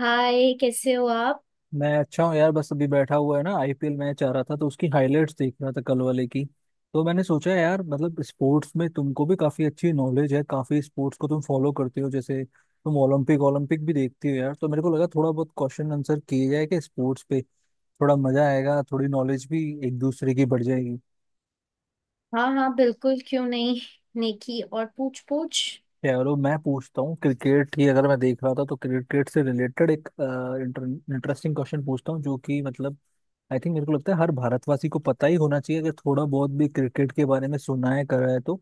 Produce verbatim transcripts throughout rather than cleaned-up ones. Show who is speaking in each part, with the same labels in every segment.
Speaker 1: हाय, कैसे हो आप।
Speaker 2: मैं अच्छा हूँ यार। बस अभी बैठा हुआ है ना, आईपीएल मैच आ रहा था तो उसकी हाइलाइट्स देख रहा था, कल वाले की। तो मैंने सोचा यार, मतलब स्पोर्ट्स में तुमको भी काफी अच्छी नॉलेज है, काफी स्पोर्ट्स को तुम फॉलो करते हो जैसे तुम ओलंपिक ओलंपिक भी देखती हो यार। तो मेरे को लगा थोड़ा बहुत क्वेश्चन आंसर किए जाए कि स्पोर्ट्स पे थोड़ा मजा आएगा, थोड़ी नॉलेज भी एक दूसरे की बढ़ जाएगी।
Speaker 1: हाँ हाँ, बिल्कुल, क्यों नहीं। नेकी और पूछ पूछ।
Speaker 2: चलो मैं पूछता हूँ। क्रिकेट ही अगर मैं देख रहा था तो क्रिकेट से रिलेटेड एक इंटरेस्टिंग क्वेश्चन पूछता हूँ, जो कि मतलब आई थिंक मेरे को लगता है हर भारतवासी को पता ही होना चाहिए अगर थोड़ा बहुत भी क्रिकेट के बारे में सुना है करा है तो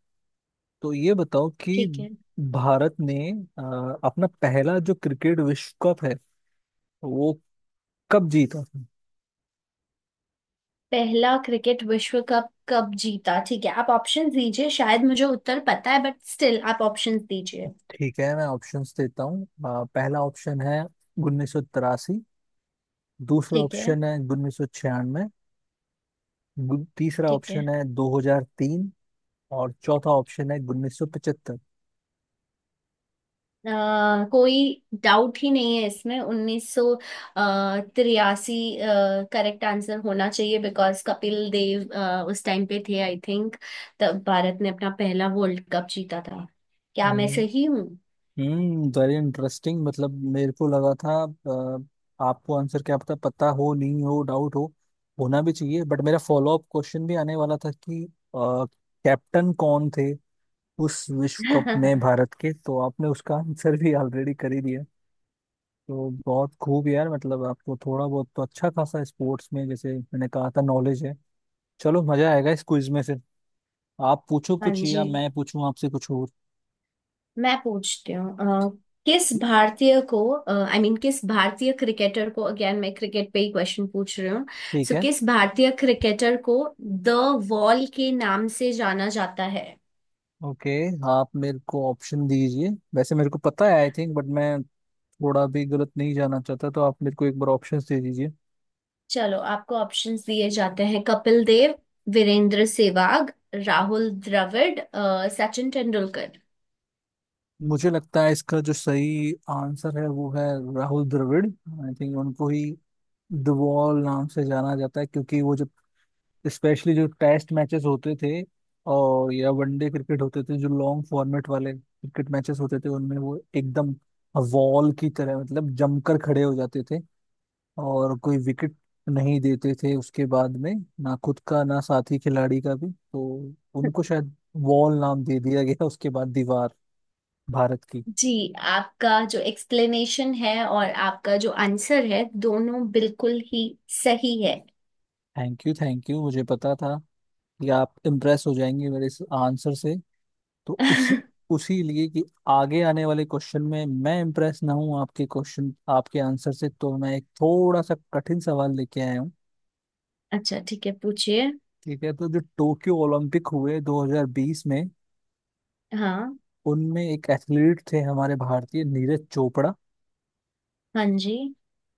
Speaker 2: तो ये बताओ कि
Speaker 1: ठीक है।
Speaker 2: भारत ने अ, अपना पहला जो क्रिकेट विश्व कप है वो कब जीता था।
Speaker 1: पहला क्रिकेट विश्व कप कब जीता? ठीक है, आप ऑप्शन दीजिए। शायद मुझे उत्तर पता है, बट स्टिल आप ऑप्शन दीजिए।
Speaker 2: ठीक है, मैं ऑप्शंस देता हूँ। अ, पहला ऑप्शन है उन्नीस सौ तिरासी। दूसरा
Speaker 1: ठीक है।
Speaker 2: ऑप्शन है उन्नीस सौ छियानवे। तीसरा
Speaker 1: ठीक है।
Speaker 2: ऑप्शन है दो हज़ार तीन। और चौथा ऑप्शन है उन्नीस सौ पचहत्तर।
Speaker 1: अ, कोई डाउट ही नहीं है इसमें, उन्नीस सौ तिरासी करेक्ट आंसर होना चाहिए, बिकॉज कपिल देव अ, उस टाइम पे थे, आई थिंक। तब भारत ने अपना पहला वर्ल्ड कप जीता था। क्या मैं सही हूँ?
Speaker 2: Hmm very interesting. मतलब मेरे को लगा था अ, आपको आंसर क्या पता पता हो नहीं हो डाउट हो होना भी चाहिए, बट मेरा फॉलो अप क्वेश्चन भी आने वाला था कि अ, कैप्टन कौन थे उस विश्व कप में भारत के, तो आपने उसका आंसर भी ऑलरेडी कर ही दिया। तो बहुत खूब यार, मतलब आपको थोड़ा बहुत तो अच्छा खासा स्पोर्ट्स में जैसे मैंने कहा था नॉलेज है। चलो मजा आएगा इस क्विज में फिर। आप पूछो
Speaker 1: हाँ
Speaker 2: कुछ या
Speaker 1: जी,
Speaker 2: मैं पूछूं आपसे कुछ और।
Speaker 1: मैं पूछती हूँ। अ, किस
Speaker 2: ठीक
Speaker 1: भारतीय को, आई मीन किस भारतीय क्रिकेटर को, अगेन मैं क्रिकेट पे ही क्वेश्चन पूछ रही हूँ।
Speaker 2: ठीक
Speaker 1: सो
Speaker 2: है।
Speaker 1: किस भारतीय क्रिकेटर को द वॉल के नाम से जाना जाता है?
Speaker 2: ओके आप मेरे को ऑप्शन दीजिए। वैसे मेरे को पता है आई थिंक, बट मैं थोड़ा भी गलत नहीं जाना चाहता, तो आप मेरे को एक बार ऑप्शन दे दीजिए।
Speaker 1: चलो, आपको ऑप्शंस दिए जाते हैं। कपिल देव, वीरेंद्र सहवाग, राहुल द्रविड़, अ, सचिन तेंदुलकर।
Speaker 2: मुझे लगता है इसका जो सही आंसर है वो है राहुल द्रविड़, आई थिंक उनको ही द वॉल नाम से जाना जाता है क्योंकि वो जो स्पेशली जो टेस्ट मैचेस होते थे और या वनडे क्रिकेट होते थे, जो लॉन्ग फॉर्मेट वाले क्रिकेट मैचेस होते थे उनमें वो एकदम वॉल की तरह मतलब जमकर खड़े हो जाते थे, और कोई विकेट नहीं देते थे उसके बाद में, ना खुद का ना साथी खिलाड़ी का भी। तो उनको शायद वॉल नाम दे दिया गया उसके बाद, दीवार भारत की।
Speaker 1: जी, आपका जो एक्सप्लेनेशन है और आपका जो आंसर है दोनों बिल्कुल ही सही है।
Speaker 2: थैंक यू, थैंक यू, मुझे पता था कि आप इम्प्रेस हो जाएंगे मेरे इस आंसर से। तो उसी उसी लिए कि आगे आने वाले क्वेश्चन में मैं इम्प्रेस ना हूँ आपके क्वेश्चन आपके आंसर से, तो मैं एक थोड़ा सा कठिन सवाल लेके आया हूँ।
Speaker 1: अच्छा, ठीक है, पूछिए।
Speaker 2: ठीक है, तो जो टोक्यो ओलंपिक हुए दो हज़ार बीस में,
Speaker 1: हाँ।
Speaker 2: उनमें एक एथलीट थे हमारे भारतीय नीरज चोपड़ा।
Speaker 1: हाँ जी।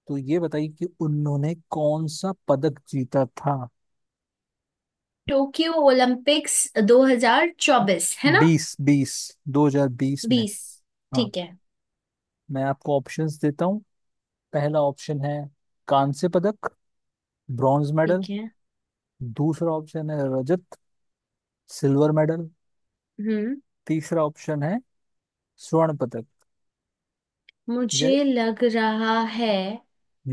Speaker 2: तो ये बताइए कि उन्होंने कौन सा पदक जीता था।
Speaker 1: टोक्यो ओलंपिक्स दो हज़ार चौबीस, है ना?
Speaker 2: बीस बीस दो हजार बीस में।
Speaker 1: बीस।
Speaker 2: हाँ।
Speaker 1: ठीक है।
Speaker 2: मैं आपको ऑप्शंस देता हूँ। पहला ऑप्शन है कांस्य पदक, ब्रॉन्ज मेडल।
Speaker 1: ठीक है।
Speaker 2: दूसरा ऑप्शन है रजत, सिल्वर मेडल।
Speaker 1: हम्म।
Speaker 2: तीसरा ऑप्शन है स्वर्ण पदक, ये।
Speaker 1: मुझे लग रहा है।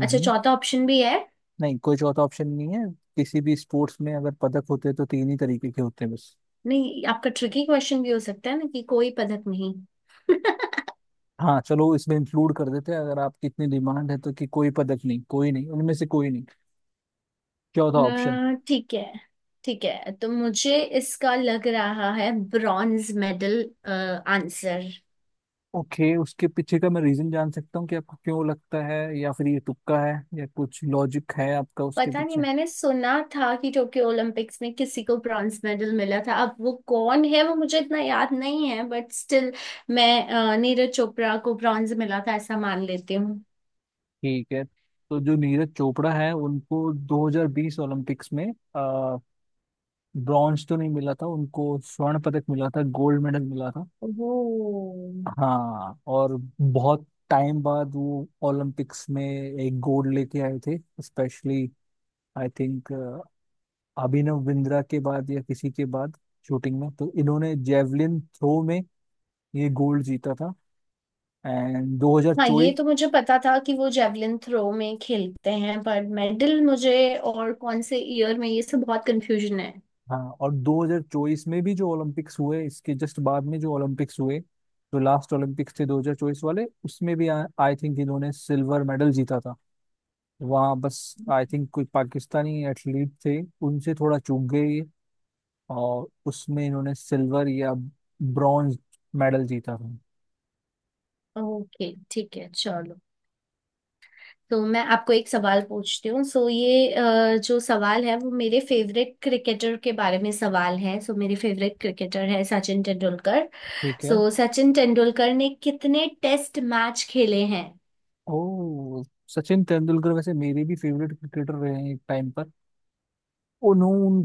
Speaker 1: अच्छा, चौथा ऑप्शन भी है?
Speaker 2: नहीं, कोई चौथा ऑप्शन नहीं है। किसी भी स्पोर्ट्स में अगर पदक होते हैं तो तीन ही तरीके के होते हैं बस।
Speaker 1: नहीं, आपका ट्रिकी क्वेश्चन भी हो सकता है ना, कि कोई पदक नहीं।
Speaker 2: हाँ चलो, इसमें इंक्लूड कर देते हैं अगर आपकी इतनी डिमांड है, तो कि कोई पदक नहीं, कोई नहीं, उनमें से कोई नहीं, चौथा ऑप्शन।
Speaker 1: अ, ठीक है। ठीक है, तो मुझे इसका लग रहा है ब्रॉन्ज मेडल आंसर।
Speaker 2: ओके, उसके पीछे का मैं रीजन जान सकता हूँ कि आपको क्यों लगता है, या फिर ये तुक्का है या कुछ लॉजिक है आपका उसके
Speaker 1: पता नहीं,
Speaker 2: पीछे।
Speaker 1: मैंने सुना था कि टोक्यो ओलंपिक्स में किसी को ब्रॉन्ज मेडल मिला था। अब वो कौन है वो मुझे इतना याद नहीं है, बट स्टिल मैं अ, नीरज चोपड़ा को ब्रॉन्ज मिला था ऐसा मान लेती हूँ।
Speaker 2: ठीक है। तो जो नीरज चोपड़ा है उनको दो हज़ार बीस ओलंपिक्स में ब्रॉन्ज तो नहीं मिला था, उनको स्वर्ण पदक मिला था, गोल्ड मेडल मिला था।
Speaker 1: ओह।
Speaker 2: हाँ, और बहुत टाइम बाद वो ओलंपिक्स में एक गोल्ड लेके आए थे specially, I think Abhinav Bindra के बाद या किसी के बाद शूटिंग में। तो इन्होंने जेवलिन थ्रो में ये गोल्ड जीता था। एंड
Speaker 1: हाँ, ये
Speaker 2: दो हज़ार चौबीस।
Speaker 1: तो मुझे पता था कि वो जेवलिन थ्रो में खेलते हैं, पर मेडल मुझे और कौन से ईयर में, ये सब बहुत कंफ्यूजन है।
Speaker 2: हाँ, और दो हज़ार चौबीस में भी जो ओलंपिक्स हुए इसके जस्ट बाद में, जो ओलंपिक्स हुए जो लास्ट ओलंपिक्स थे दो हज़ार चौबीस वाले, उसमें भी आई थिंक इन्होंने सिल्वर मेडल जीता था। वहाँ बस आई थिंक कोई पाकिस्तानी एथलीट थे, उनसे थोड़ा चूक गए ये, और उसमें इन्होंने सिल्वर या ब्रॉन्ज मेडल जीता था।
Speaker 1: ओके, ठीक है, चलो। तो मैं आपको एक सवाल पूछती हूँ। सो ये अ, जो सवाल है वो मेरे फेवरेट क्रिकेटर के बारे में सवाल है। सो मेरे फेवरेट क्रिकेटर है सचिन तेंदुलकर।
Speaker 2: ठीक है।
Speaker 1: सो सचिन तेंदुलकर ने कितने टेस्ट मैच खेले हैं?
Speaker 2: ओ, सचिन तेंदुलकर वैसे मेरे भी फेवरेट क्रिकेटर रहे हैं एक टाइम पर।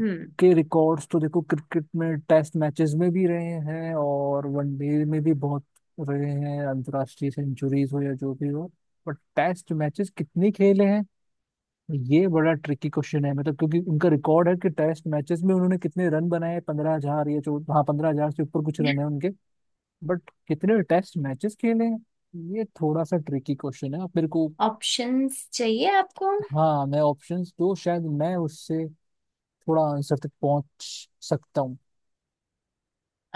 Speaker 1: हम्म।
Speaker 2: रिकॉर्ड्स तो देखो क्रिकेट में टेस्ट मैचेस में भी रहे हैं और वनडे में भी बहुत रहे हैं, अंतर्राष्ट्रीय सेंचुरीज हो या जो भी हो। बट टेस्ट मैचेस कितने खेले हैं, ये बड़ा ट्रिकी क्वेश्चन है। मतलब क्योंकि उनका रिकॉर्ड है कि टेस्ट मैचेस में उन्होंने कितने रन बनाए, पंद्रह हजार या चौदह, हाँ पंद्रह हजार से ऊपर कुछ रन है उनके। बट कितने टेस्ट मैचेस खेले हैं ये थोड़ा सा ट्रिकी क्वेश्चन है। आप मेरे को,
Speaker 1: ऑप्शंस चाहिए आपको?
Speaker 2: हाँ, मैं ऑप्शंस दो शायद मैं उससे थोड़ा आंसर तक पहुंच सकता हूँ।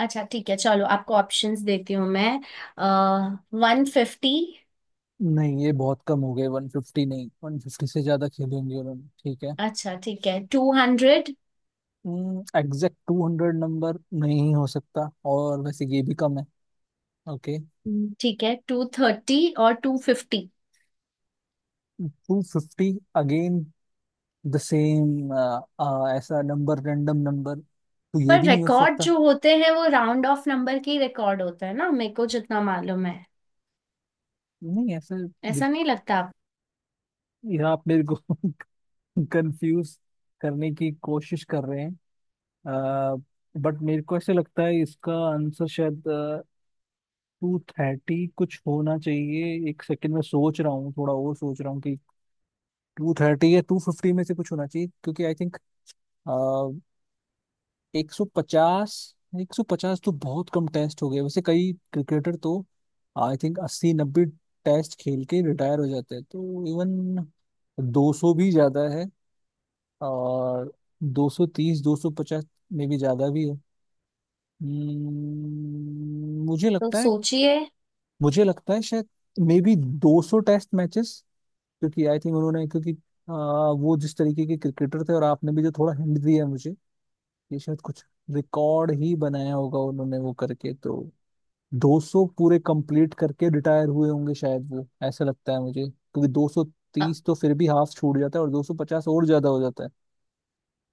Speaker 1: अच्छा ठीक है, चलो आपको ऑप्शंस देती हूँ मैं। One fifty.
Speaker 2: नहीं ये बहुत कम हो गए, वन फिफ्टी नहीं, वन फिफ्टी से ज्यादा खेलेंगे उन्होंने, ठीक है।
Speaker 1: अच्छा ठीक है, two hundred.
Speaker 2: Exact two hundred number नहीं हो सकता, और वैसे ये भी कम है। ओके,
Speaker 1: ठीक है, टू थर्टी और two fifty.
Speaker 2: To fifty again the same, ऐसा नंबर, रैंडम नंबर तो ये
Speaker 1: पर
Speaker 2: भी नहीं हो
Speaker 1: रिकॉर्ड
Speaker 2: सकता।
Speaker 1: जो होते हैं वो राउंड ऑफ नंबर के रिकॉर्ड होता है ना, मेरे को जितना मालूम है।
Speaker 2: नहीं ऐसा भी-
Speaker 1: ऐसा नहीं लगता आप।
Speaker 2: ये आप मेरे को कंफ्यूज करने की कोशिश कर रहे हैं। बट मेरे को ऐसा लगता है इसका आंसर शायद टू थर्टी कुछ होना चाहिए। एक सेकंड में सोच रहा हूँ, थोड़ा और सोच रहा हूँ कि टू थर्टी या टू फिफ्टी में से कुछ होना चाहिए क्योंकि आई थिंक एक सौ पचास एक सौ पचास तो बहुत कम टेस्ट हो गए, वैसे कई क्रिकेटर तो आई थिंक अस्सी नब्बे टेस्ट खेल के रिटायर हो जाते हैं। तो इवन दो सौ भी ज्यादा है, और दो सौ तीस दो सौ पचास में भी ज्यादा भी है। Hmm, मुझे
Speaker 1: तो
Speaker 2: लगता है,
Speaker 1: सोचिए।
Speaker 2: मुझे लगता है शायद मे बी दो सौ टेस्ट मैचेस, क्योंकि आई थिंक उन्होंने, क्योंकि आ, वो जिस तरीके के क्रिकेटर थे, और आपने भी जो थोड़ा हिंट दिया है मुझे, ये शायद कुछ रिकॉर्ड ही बनाया होगा उन्होंने वो करके। तो दो सौ पूरे कंप्लीट करके रिटायर हुए होंगे शायद वो, ऐसा लगता है मुझे, क्योंकि
Speaker 1: अ-
Speaker 2: दो सौ तीस तो फिर भी हाफ छूट जाता है और दो सौ पचास और ज्यादा हो जाता है,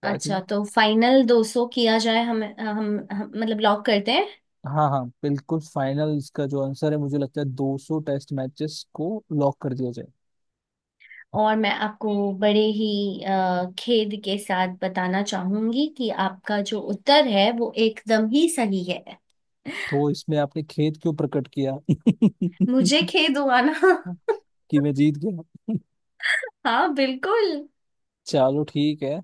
Speaker 2: तो आई
Speaker 1: अच्छा,
Speaker 2: थिंक।
Speaker 1: तो फाइनल दो सौ किया जाए? हम हम, हम मतलब लॉक करते हैं।
Speaker 2: हाँ हाँ बिल्कुल, फाइनल इसका जो आंसर है मुझे लगता है दो सौ टेस्ट मैचेस को लॉक कर दिया जाए।
Speaker 1: और मैं आपको बड़े ही अ, खेद के साथ बताना चाहूंगी कि आपका जो उत्तर है वो एकदम ही सही है।
Speaker 2: तो इसमें आपने खेद क्यों प्रकट किया
Speaker 1: मुझे खेद हुआ ना।
Speaker 2: कि मैं जीत गया।
Speaker 1: हाँ बिल्कुल।
Speaker 2: चलो ठीक है।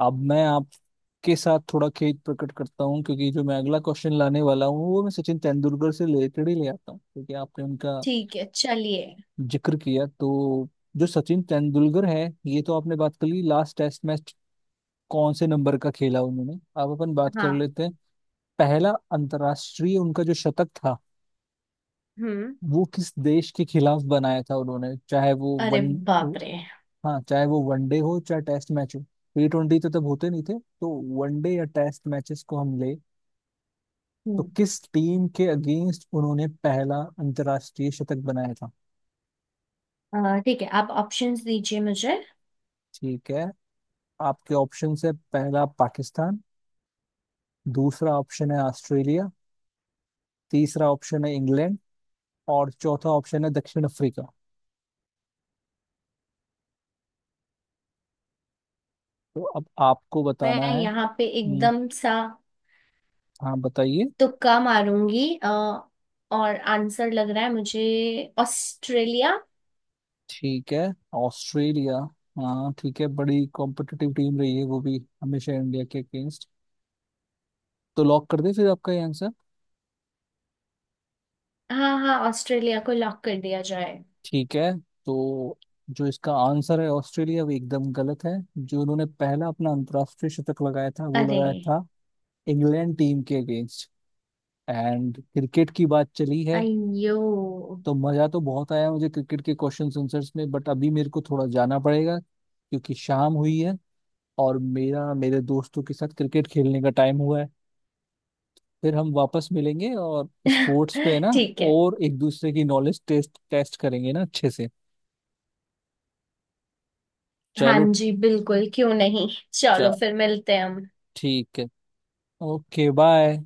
Speaker 2: अब मैं आपके साथ थोड़ा खेद प्रकट करता हूँ क्योंकि जो मैं अगला क्वेश्चन लाने वाला हूँ वो मैं सचिन तेंदुलकर से रिलेटेड ही ले आता हूँ क्योंकि आपने उनका
Speaker 1: ठीक है चलिए।
Speaker 2: जिक्र किया। तो जो सचिन तेंदुलकर है, ये तो आपने बात कर ली लास्ट टेस्ट मैच कौन से नंबर का खेला उन्होंने। अब अपन बात कर
Speaker 1: हाँ।
Speaker 2: लेते हैं पहला अंतर्राष्ट्रीय उनका जो शतक था
Speaker 1: हम्म।
Speaker 2: वो किस देश के खिलाफ बनाया था उन्होंने। चाहे वो
Speaker 1: अरे
Speaker 2: वन
Speaker 1: बाप रे।
Speaker 2: हाँ, चाहे वो वनडे हो चाहे टेस्ट मैच हो, टी ट्वेंटी तो तब होते नहीं थे, तो वनडे या टेस्ट मैचेस को हम ले। तो
Speaker 1: हम्म।
Speaker 2: किस टीम के अगेंस्ट उन्होंने पहला अंतर्राष्ट्रीय शतक बनाया था।
Speaker 1: अ, ठीक है, आप ऑप्शंस दीजिए मुझे।
Speaker 2: ठीक है, आपके ऑप्शन है पहला पाकिस्तान, दूसरा ऑप्शन है ऑस्ट्रेलिया, तीसरा ऑप्शन है इंग्लैंड, और चौथा ऑप्शन है दक्षिण अफ्रीका। तो अब आपको बताना
Speaker 1: मैं
Speaker 2: है।
Speaker 1: यहाँ पे
Speaker 2: हम्म,
Speaker 1: एकदम सा
Speaker 2: हाँ बताइए।
Speaker 1: तुक्का मारूंगी। अ, और आंसर लग रहा है मुझे ऑस्ट्रेलिया।
Speaker 2: ठीक है, ऑस्ट्रेलिया। हाँ ठीक है, बड़ी कॉम्पिटिटिव टीम रही है वो भी हमेशा इंडिया के अगेंस्ट। तो लॉक कर दे फिर आपका ये आंसर।
Speaker 1: हाँ हाँ, ऑस्ट्रेलिया को लॉक कर दिया जाए।
Speaker 2: ठीक है। तो जो इसका आंसर है ऑस्ट्रेलिया वो एकदम गलत है। जो उन्होंने पहला अपना अंतर्राष्ट्रीय शतक लगाया था वो
Speaker 1: अरे।
Speaker 2: लगाया था इंग्लैंड टीम के अगेंस्ट। एंड क्रिकेट की बात चली है
Speaker 1: अयो।
Speaker 2: तो मजा तो बहुत आया मुझे क्रिकेट के क्वेश्चन आंसर्स में, बट अभी मेरे को थोड़ा जाना पड़ेगा क्योंकि शाम हुई है और मेरा मेरे दोस्तों के साथ क्रिकेट खेलने का टाइम हुआ है। फिर हम वापस मिलेंगे और स्पोर्ट्स पे है ना,
Speaker 1: ठीक है।
Speaker 2: और एक दूसरे की नॉलेज टेस्ट टेस्ट करेंगे ना अच्छे से।
Speaker 1: हाँ
Speaker 2: चलो।
Speaker 1: जी, बिल्कुल, क्यों नहीं। चलो फिर मिलते हैं हम।
Speaker 2: ठीक है। Okay bye.